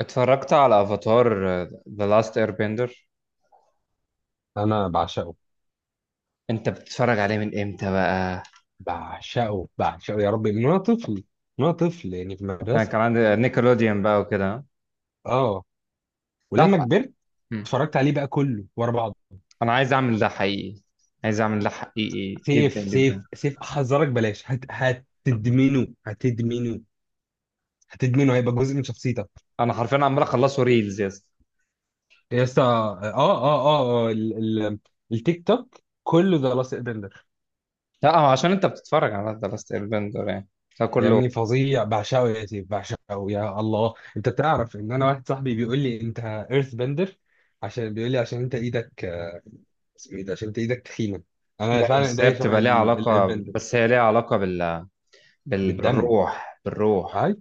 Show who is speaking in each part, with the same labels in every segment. Speaker 1: اتفرجت على افاتار ذا لاست اير بندر.
Speaker 2: انا بعشقه،
Speaker 1: انت بتتفرج عليه من امتى بقى؟
Speaker 2: بعشقه يا ربي من وانا طفل، من وانا طفل يعني في
Speaker 1: انا
Speaker 2: المدرسه.
Speaker 1: كان عندي نيكلوديان بقى وكده.
Speaker 2: اه،
Speaker 1: تعرف.
Speaker 2: ولما كبرت
Speaker 1: مم.
Speaker 2: اتفرجت عليه بقى كله ورا بعض.
Speaker 1: انا عايز اعمل ده حقيقي. عايز اعمل ده حقيقي جدا
Speaker 2: سيف سيف
Speaker 1: جدا.
Speaker 2: سيف احذرك بلاش، هت هتدمنه هتدمنه هتدمنه هيبقى جزء من شخصيتك.
Speaker 1: انا حرفيا عمال اخلصه ريلز يا اسطى.
Speaker 2: يا اسطى، اه التيك توك كله ده لاصق بندر.
Speaker 1: لا، هو عشان انت بتتفرج على ذا لاست اير بندر يعني،
Speaker 2: يا
Speaker 1: فكله.
Speaker 2: ابني فظيع، بعشقه يا سيف بعشقه، يا الله انت تعرف ان انا واحد صاحبي بيقول لي انت ايرث بندر. عشان بيقول لي عشان انت ايدك، اسمه ايه ده، عشان انت ايدك تخينه. انا
Speaker 1: لا
Speaker 2: فعلا
Speaker 1: بس هي
Speaker 2: ايديا شبه
Speaker 1: بتبقى ليها علاقه،
Speaker 2: البند.
Speaker 1: بس هي ليها علاقه
Speaker 2: بالدم.
Speaker 1: بالروح بالروح.
Speaker 2: عارف،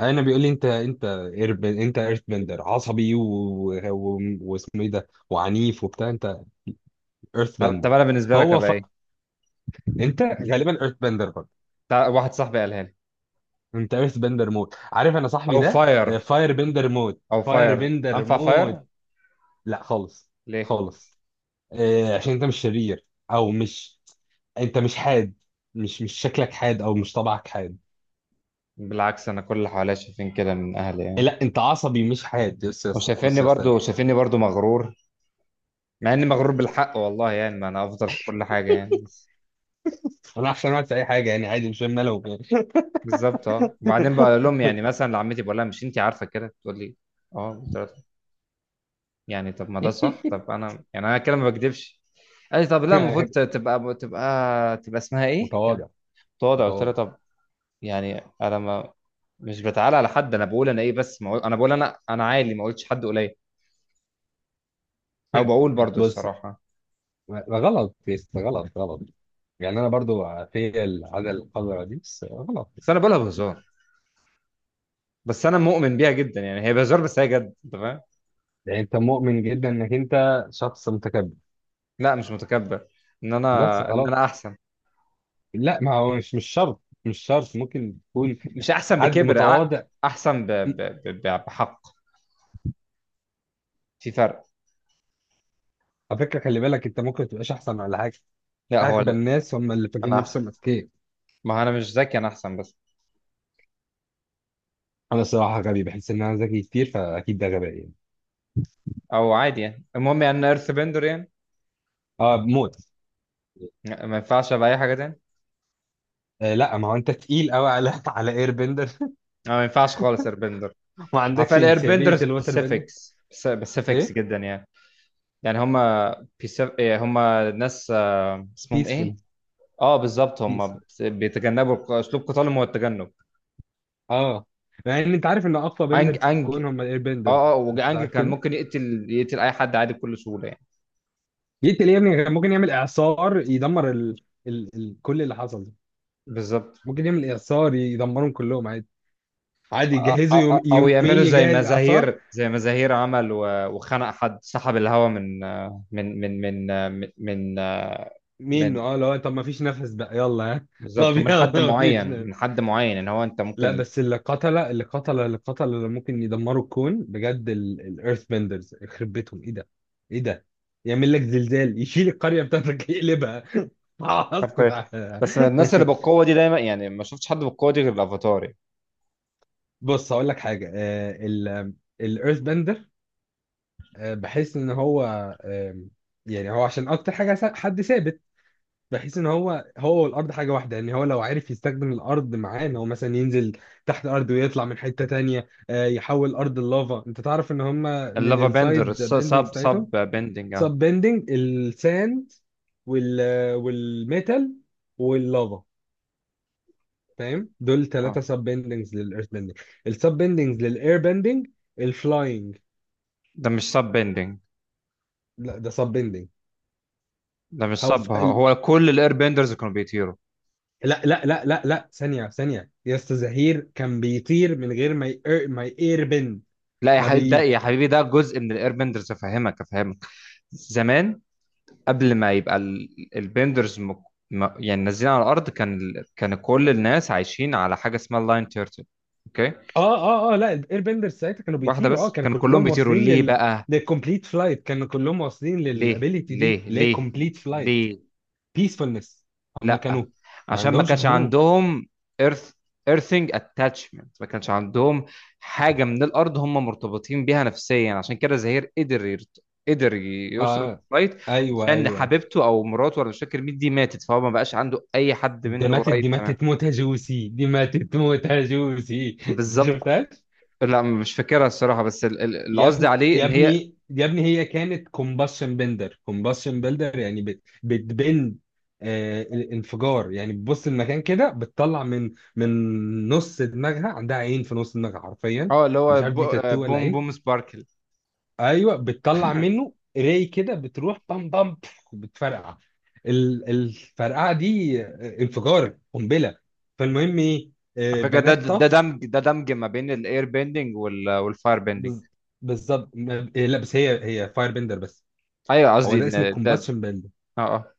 Speaker 2: انا بيقول لي انت ايرث بندر، عصبي و- و- واسمه ايه ده، وعنيف وبتاع انت. ايرث
Speaker 1: طب
Speaker 2: بندر.
Speaker 1: طب انا بالنسبه لك
Speaker 2: هو
Speaker 1: ابقى
Speaker 2: ف...
Speaker 1: ايه؟
Speaker 2: انت غالبا ايرث بندر برضه.
Speaker 1: واحد صاحبي قالها لي.
Speaker 2: انت ايرث بندر موت، عارف انا صاحبي
Speaker 1: او
Speaker 2: ده.
Speaker 1: فاير.
Speaker 2: فاير بندر موت،
Speaker 1: او
Speaker 2: فاير
Speaker 1: فاير.
Speaker 2: بندر
Speaker 1: انفع فاير.
Speaker 2: موت. لا خالص،
Speaker 1: ليه؟
Speaker 2: خالص. آه، عشان انت مش شرير او مش، انت مش حاد، مش شكلك حاد او مش طبعك حاد.
Speaker 1: بالعكس انا كل اللي حواليا شايفين كده من اهلي يعني.
Speaker 2: لا انت عصبي مش حاد. بص يا اسطى، بص
Speaker 1: وشايفيني
Speaker 2: يا اسطى، ما
Speaker 1: برضو شايفيني برضو مغرور. مع اني مغرور بالحق والله، يعني ما انا افضل في كل حاجه يعني بس.
Speaker 2: تفرحش، انا في اي حاجه يعني عادي، مش فاهم مالهم.
Speaker 1: بالظبط، اه، وبعدين بقول لهم يعني مثلا لعمتي بقول لها مش انت عارفه كده تقول لي. اه، قلت لها يعني طب ما ده صح، طب انا يعني انا كده ما بكذبش. قالت لي طب لا المفروض
Speaker 2: يعني
Speaker 1: تبقى تبقى اسمها ايه كانت
Speaker 2: متواضع.
Speaker 1: تقعد. قلت لها
Speaker 2: متواضع.
Speaker 1: طب. يعني انا ما مش بتعالى على حد، انا بقول انا ايه، بس ما أقول- انا بقول انا عالي، ما قلتش حد قليل. او بقول برضو
Speaker 2: بص،
Speaker 1: الصراحه.
Speaker 2: ما غلط يا اسطى، غلط غلط. يعني انا برضو في العاده القذره دي، بس غلط.
Speaker 1: بس انا بقولها بهزار، بس انا مؤمن بيها جدا يعني هي بهزار بس هي جد، انت فاهم.
Speaker 2: يعني انت مؤمن جدا انك انت شخص متكبر.
Speaker 1: لا مش متكبر. ان انا
Speaker 2: بس
Speaker 1: ان
Speaker 2: غلط.
Speaker 1: انا احسن.
Speaker 2: لا ما هو مش شرط، مش شرط، ممكن تكون
Speaker 1: مش احسن
Speaker 2: حد
Speaker 1: بكبر
Speaker 2: متواضع.
Speaker 1: احسن بحق. في فرق.
Speaker 2: على فكره خلي بالك، انت ممكن تبقاش احسن ولا حاجه.
Speaker 1: لا هو
Speaker 2: اغبى الناس هم اللي فاكرين
Speaker 1: انا احسن.
Speaker 2: نفسهم اذكياء.
Speaker 1: ما هو انا مش ذكي، انا احسن بس.
Speaker 2: انا الصراحه غبي، بحس ان انا ذكي كتير، فاكيد ده غباء يعني.
Speaker 1: او عادي يعني المهم يعني انا ايرث بندر يعني.
Speaker 2: اه موت.
Speaker 1: لا، ما ينفعش ابقى اي حاجه تاني.
Speaker 2: آه لا، ما هو انت تقيل قوي على على اير بندر.
Speaker 1: أنا ما ينفعش خالص اير بندر.
Speaker 2: ما
Speaker 1: عارفين
Speaker 2: عندكش
Speaker 1: الاير
Speaker 2: انسيابيه
Speaker 1: بندر
Speaker 2: الوتر بندر.
Speaker 1: سبيسيفيكس سبيسيفيكس
Speaker 2: ايه؟
Speaker 1: جدا يعني. يعني هم ناس، اسمهم ايه؟
Speaker 2: بيسفول.
Speaker 1: اه، بالظبط، هم
Speaker 2: بيسفول.
Speaker 1: بيتجنبوا اسلوب قتالهم هو التجنب.
Speaker 2: اه. مع ان انت عارف ان اقوى
Speaker 1: أنج
Speaker 2: بندرز في
Speaker 1: أنج.
Speaker 2: الكون هم الاير بندرز.
Speaker 1: اه اه
Speaker 2: انت
Speaker 1: وجانج
Speaker 2: عارف
Speaker 1: كان
Speaker 2: كده.
Speaker 1: ممكن يقتل اي حد عادي بكل سهوله يعني.
Speaker 2: يقتل يا ابني، كان ممكن يعمل اعصار يدمر كل اللي حصل ده.
Speaker 1: بالظبط.
Speaker 2: ممكن يعمل اعصار يدمرهم كلهم عادي. عادي يجهزوا
Speaker 1: او
Speaker 2: يومين
Speaker 1: يعملوا زي
Speaker 2: يجهز اعصار
Speaker 1: مزاهير، عمل وخنق حد، سحب الهوا من.
Speaker 2: منه. اه، لو طب ما فيش نفس بقى، يلا ها
Speaker 1: بالظبط،
Speaker 2: طب
Speaker 1: ومن
Speaker 2: يلا
Speaker 1: حد
Speaker 2: ما فيش.
Speaker 1: معين ان هو انت
Speaker 2: لا
Speaker 1: ممكن.
Speaker 2: بس اللي اللي ممكن يدمروا الكون بجد الايرث بندرز. يخرب بيتهم، ايه ده، ايه ده. يعمل لك زلزال يشيل القريه بتاعتك يقلبها. اسكت.
Speaker 1: حرفيا. بس الناس اللي بالقوه دي دايما، يعني ما شفتش حد بالقوه دي غير الافاتار يعني.
Speaker 2: بص هقول لك حاجه. الايرث بندر بحس ان هو، آه، يعني هو عشان اكتر حاجه حد ثابت، بحيث ان هو، هو والارض حاجه واحده. يعني هو لو عرف يستخدم الارض معاه ان هو مثلا ينزل تحت الارض ويطلع من حته تانية، آه، يحول ارض اللافا. انت تعرف ان هم من
Speaker 1: اللافا بندر
Speaker 2: السايد
Speaker 1: سب
Speaker 2: بيندنج
Speaker 1: سب
Speaker 2: بتاعتهم
Speaker 1: بندنج اه.
Speaker 2: سب بيندنج الساند، وال والميتال واللافا. فاهم؟ دول
Speaker 1: آه.
Speaker 2: ثلاثه سب بيندنجز للايرث بيندنج. السب بيندنجز للاير بيندنج الفلاينج.
Speaker 1: ده مش سب بندنج.
Speaker 2: لا ده سب بيندنج.
Speaker 1: ده مش
Speaker 2: هو في
Speaker 1: سب،
Speaker 2: ال-
Speaker 1: هو كل الاير بندرز كانوا بيطيروا.
Speaker 2: لا ثانيه ثانيه يا استاذ زهير، كان بيطير من غير ما ما يير بند.
Speaker 1: لا يا حبيبي، ده
Speaker 2: مبيت.
Speaker 1: يا حبيبي ده جزء من الايربندرز، افهمك افهمك. زمان قبل ما يبقى البندرز يعني نازلين على الارض، كان كل الناس عايشين على حاجه اسمها اللاين تيرتل. اوكي.
Speaker 2: اه لا، الاير بندرز ساعتها كانوا
Speaker 1: واحده
Speaker 2: بيطيروا، اه
Speaker 1: بس،
Speaker 2: كانوا
Speaker 1: كان كلهم
Speaker 2: كلهم
Speaker 1: بيطيروا
Speaker 2: واصلين
Speaker 1: ليه
Speaker 2: لل،
Speaker 1: بقى؟
Speaker 2: للكومبليت فلايت، كانوا كلهم واصلين
Speaker 1: ليه
Speaker 2: للابيليتي دي
Speaker 1: ليه
Speaker 2: اللي هي
Speaker 1: ليه؟
Speaker 2: كومبليت فلايت.
Speaker 1: ليه؟
Speaker 2: بيسفولنس. هم
Speaker 1: لا
Speaker 2: كانوا ما
Speaker 1: عشان ما
Speaker 2: عندهمش
Speaker 1: كانش
Speaker 2: هموم.
Speaker 1: عندهم ايرث ايرثنج اتاتشمنت، ما كانش عندهم حاجه من الارض هم مرتبطين بيها نفسيا، عشان كده زهير قدر يوصل
Speaker 2: اه
Speaker 1: للفايت.
Speaker 2: ايوه ايوه،
Speaker 1: عشان
Speaker 2: أيوة.
Speaker 1: حبيبته او مراته ولا مش فاكر مين دي ماتت، فهو ما بقاش عنده اي حد
Speaker 2: دي
Speaker 1: منه
Speaker 2: ماتت،
Speaker 1: قريب،
Speaker 2: دي
Speaker 1: تمام.
Speaker 2: ماتت موتة جوسي، دي ماتت موتة جوسي. دي
Speaker 1: بالظبط.
Speaker 2: شفتهاش؟
Speaker 1: لا مش فاكرها الصراحه، بس اللي
Speaker 2: يا
Speaker 1: قصدي
Speaker 2: ابني
Speaker 1: عليه
Speaker 2: يا
Speaker 1: ان هي.
Speaker 2: ابني يا ابني، هي كانت كومباشن بندر، كومباشن بندر، يعني بتبند، آه الانفجار. يعني بتبص المكان كده بتطلع من، من نص دماغها، عندها عين في نص دماغها حرفيا.
Speaker 1: اه، اللي هو
Speaker 2: مش عارف دي تاتو ولا
Speaker 1: بوم
Speaker 2: عين.
Speaker 1: بوم سباركل.
Speaker 2: ايوه، بتطلع منه راي كده، بتروح بام بام بف، بتفرقع. الفرقعه دي آه، انفجار قنبله. فالمهم ايه، آه،
Speaker 1: على فكره، ده
Speaker 2: بنات
Speaker 1: ده
Speaker 2: طف.
Speaker 1: دمج، ما بين الاير بيندنج والفاير بيندنج.
Speaker 2: بز- بالظبط، لا بس هي، هي فاير بندر بس.
Speaker 1: ايوه
Speaker 2: هو
Speaker 1: قصدي
Speaker 2: ده اسمه
Speaker 1: ان ده.
Speaker 2: الكومباشن بيل.
Speaker 1: اه.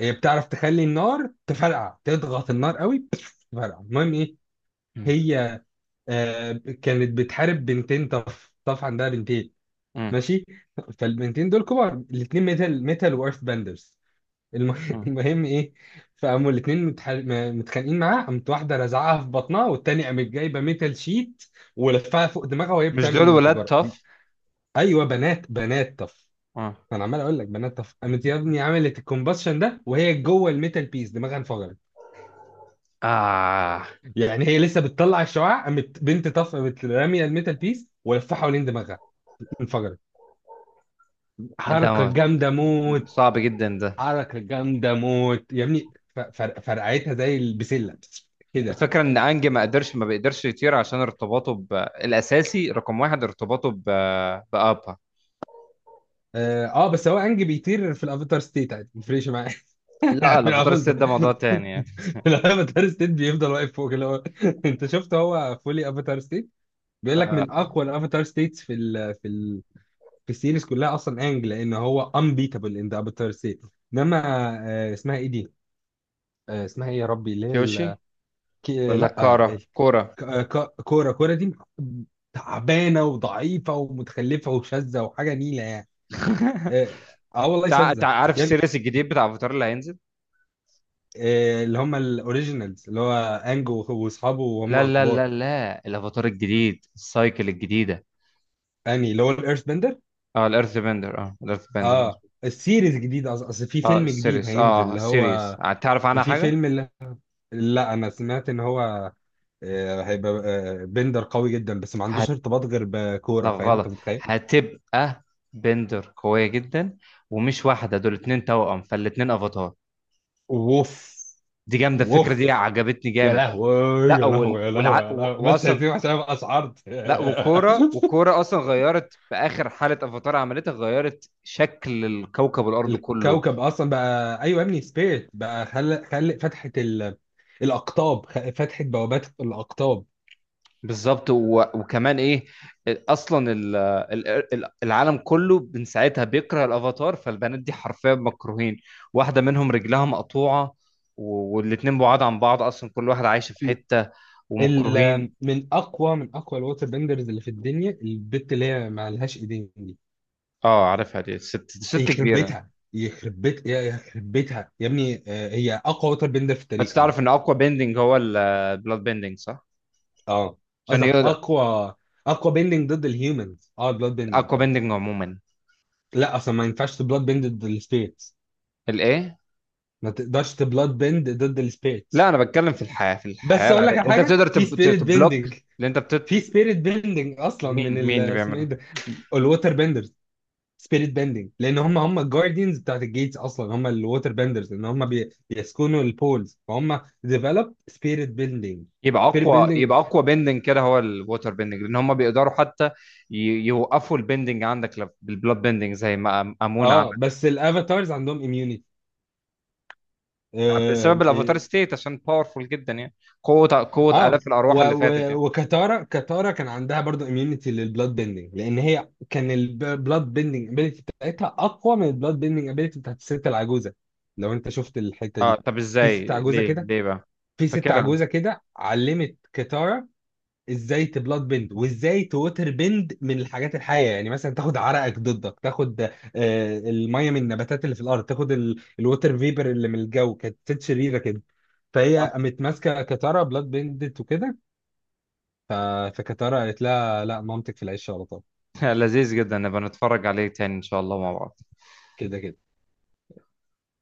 Speaker 2: هي بتعرف تخلي النار تفرقع، تضغط النار قوي تفرقع. المهم ايه،
Speaker 1: اه.
Speaker 2: هي، آه، كانت بتحارب بنتين طف، طف عندها بنتين.
Speaker 1: مم.
Speaker 2: ماشي. فالبنتين دول كبار، الاثنين ميتال، ميتال وايرث بندرز. الم-
Speaker 1: مم.
Speaker 2: المهم ايه، فقاموا الاثنين متخانقين معاه، قامت واحده رزعها في بطنها، والتانيه قامت جايبه ميتال شيت ولفها فوق دماغها وهي
Speaker 1: مش
Speaker 2: بتعمل
Speaker 1: دول ولاد
Speaker 2: الانفجار.
Speaker 1: تاف؟
Speaker 2: ايوه بنات، بنات طف.
Speaker 1: اه.
Speaker 2: انا عمال اقول لك بنات طف. قامت يا ابني عملت الكومباشن ده وهي جوه الميتال، بيس دماغها انفجرت.
Speaker 1: اه.
Speaker 2: يعني هي لسه بتطلع الشعاع، قامت بنت طف قامت راميه الميتال بيس ولفها حوالين دماغها انفجرت.
Speaker 1: ده
Speaker 2: حركه
Speaker 1: ما-
Speaker 2: جامده موت.
Speaker 1: صعب جدا ده.
Speaker 2: حركه جامده موت يا ابني، فرقعتها زي البسله كده.
Speaker 1: الفكره ان انج ما قدرش، ما بيقدرش يطير عشان ارتباطه الاساسي رقم واحد، ارتباطه بابا.
Speaker 2: اه آه، بس هو انج بيطير في الافاتار ستيت عادي، ما يفرقش معايا.
Speaker 1: لا
Speaker 2: في
Speaker 1: لا، فطار الست
Speaker 2: الافاتار
Speaker 1: ده موضوع تاني يعني.
Speaker 2: في الافاتار ستيت بيفضل واقف فوق اللي هو انت شفت هو فولي افاتار ستيت، بيقول لك من
Speaker 1: آه.
Speaker 2: اقوى الافاتار ستيتس في ال في السيريز كلها اصلا انج، لان هو انبيتابل ان ذا افاتار ستيت. انما، آه، اسمها ايه دي؟ آه، اسمها ايه يا ربي، اللي هي
Speaker 1: كيوشي
Speaker 2: كي-
Speaker 1: ولا
Speaker 2: لا آه،
Speaker 1: كارا كورا؟
Speaker 2: كوره. كوره دي تعبانه وضعيفه ومتخلفه وشاذه وحاجه نيله يعني. اه. آه والله شاذه.
Speaker 1: عارف
Speaker 2: يعني،
Speaker 1: السيريس الجديد بتاع افاتار اللي هينزل؟
Speaker 2: آه، اللي هم الاوريجينالز اللي هو انج واصحابه
Speaker 1: لا
Speaker 2: وهم
Speaker 1: لا
Speaker 2: كبار.
Speaker 1: لا لا، الافاتار الجديد السايكل الجديده.
Speaker 2: يعني اللي هو الايرث بندر.
Speaker 1: اه الارث بندر، اه الارث بندر.
Speaker 2: اه، السيريز جديد، أصل في
Speaker 1: اه
Speaker 2: فيلم جديد
Speaker 1: السيريس،
Speaker 2: هينزل
Speaker 1: اه
Speaker 2: اللي
Speaker 1: السيريس،
Speaker 2: هو،
Speaker 1: تعرف عنها
Speaker 2: في
Speaker 1: حاجه؟
Speaker 2: فيلم اللي... لا انا سمعت ان هو، آه، هيبقى، آه، بندر قوي جدا بس ما عندوش ارتباط غير
Speaker 1: لا
Speaker 2: بكوره. فاهم؟ انت
Speaker 1: غلط.
Speaker 2: متخيل؟
Speaker 1: هتبقى بندر قوية جدا، ومش واحدة، دول اتنين توأم فالاتنين افاتار.
Speaker 2: ووف.
Speaker 1: دي جامدة، الفكرة دي
Speaker 2: ووف.
Speaker 1: عجبتني
Speaker 2: يا
Speaker 1: جامد.
Speaker 2: لهوي
Speaker 1: لا.
Speaker 2: يا لهوي
Speaker 1: وال...
Speaker 2: يا لهوي
Speaker 1: والع...
Speaker 2: يا
Speaker 1: و...
Speaker 2: لهوي، بس
Speaker 1: واصلا
Speaker 2: هسيبه
Speaker 1: ك-
Speaker 2: عشان ابقى اشعرت
Speaker 1: لا وكورة اصلا غيرت في اخر حالة افاتار عملتها، غيرت شكل الكوكب الارض كله.
Speaker 2: الكوكب اصلا بقى، ايوه يا ابني، سبيريت بقى خلق، خلق فتحه الاقطاب، فتحه بوابات الاقطاب.
Speaker 1: بالظبط، وكمان ايه، اصلا العالم كله من ساعتها بيكره الافاتار، فالبنات دي حرفيا مكروهين. واحده منهم رجلها مقطوعه. والاتنين بعاد عن بعض اصلا، كل واحد عايش في حته ومكروهين.
Speaker 2: من اقوى، من اقوى الووتر بندرز اللي في الدنيا، البت اللي هي ما لهاش ايدين دي.
Speaker 1: اه، عارفها دي، ست
Speaker 2: يخرب
Speaker 1: كبيره.
Speaker 2: بيتها، يخرب بيتها يا ابني، آه، هي اقوى ووتر بيندر في
Speaker 1: انت
Speaker 2: التاريخ عامه.
Speaker 1: تعرف ان اقوى بيندنج هو البلاد بيندنج صح؟
Speaker 2: اه.
Speaker 1: عشان
Speaker 2: قصدك
Speaker 1: يقدر.
Speaker 2: اقوى، اقوى بيندنج ضد الهيومنز، اه بلاد بيندنج
Speaker 1: اقوى
Speaker 2: طبعا.
Speaker 1: بيندنج عموما.
Speaker 2: لا اصلا ما ينفعش تبلاد بيند ضد السبيريتس.
Speaker 1: الايه؟
Speaker 2: ما تقدرش تبلاد بيند ضد
Speaker 1: لا
Speaker 2: السبيريتس.
Speaker 1: انا بتكلم في الحياه،
Speaker 2: بس اقول
Speaker 1: العاديه
Speaker 2: لك على
Speaker 1: انت
Speaker 2: حاجه
Speaker 1: بتقدر
Speaker 2: في سبيريت
Speaker 1: تبلوك.
Speaker 2: بيندنج.
Speaker 1: اللي انت بتت.
Speaker 2: في سبيريت بيندنج اصلا من
Speaker 1: مين
Speaker 2: ال،
Speaker 1: مين اللي
Speaker 2: اسمه ايه
Speaker 1: بيعمله؟
Speaker 2: ده، الووتر بيندرز. سبيريت بندنج، لان هم الجارديانز بتاعت الجيتس اصلا هم الووتر بندرز، ان هم بيسكنوا البولز، فهم ديفلوب سبيريت بندنج. سبيريت
Speaker 1: يبقى
Speaker 2: بندنج.
Speaker 1: اقوى بندنج كده هو الووتر بندنج، لان هم بيقدروا حتى ي- يوقفوا البندنج عندك بالبلاد بندنج زي ما امون عمل.
Speaker 2: اه بس الافاتارز عندهم اميونيتي. اه,
Speaker 1: بسبب الافاتار
Speaker 2: آه.
Speaker 1: ستيت عشان باورفول جدا يعني. قوه
Speaker 2: آه،
Speaker 1: الاف الارواح
Speaker 2: و
Speaker 1: اللي فاتت يعني.
Speaker 2: و وكتارا، كتارا كان عندها برضو اميونيتي للبلاد بيندنج، لان هي كان البلاد بيندنج ابيليتي بتاعتها اقوى من البلاد بيندنج ابيليتي بتاعت الست العجوزه. لو انت شفت الحته
Speaker 1: اه،
Speaker 2: دي،
Speaker 1: طب
Speaker 2: في
Speaker 1: ازاي؟
Speaker 2: ست عجوزه
Speaker 1: ليه
Speaker 2: كده،
Speaker 1: ليه بقى؟
Speaker 2: في ست
Speaker 1: فاكرها.
Speaker 2: عجوزه كده علمت كتارا ازاي تبلاد بند وازاي توتر بند من الحاجات الحيه. يعني مثلا تاخد عرقك ضدك، تاخد آه، الميه من النباتات اللي في الارض، تاخد الوتر فيبر اللي من الجو. كانت ست شريره كده، فهي
Speaker 1: آه.
Speaker 2: قامت ماسكه كتاره بلاد بندت وكده. ف- فكتاره قالت لها لا مامتك في العيش على طول.
Speaker 1: لذيذ جدا، نبقى نتفرج عليه تاني ان شاء الله مع بعض.
Speaker 2: كده كده.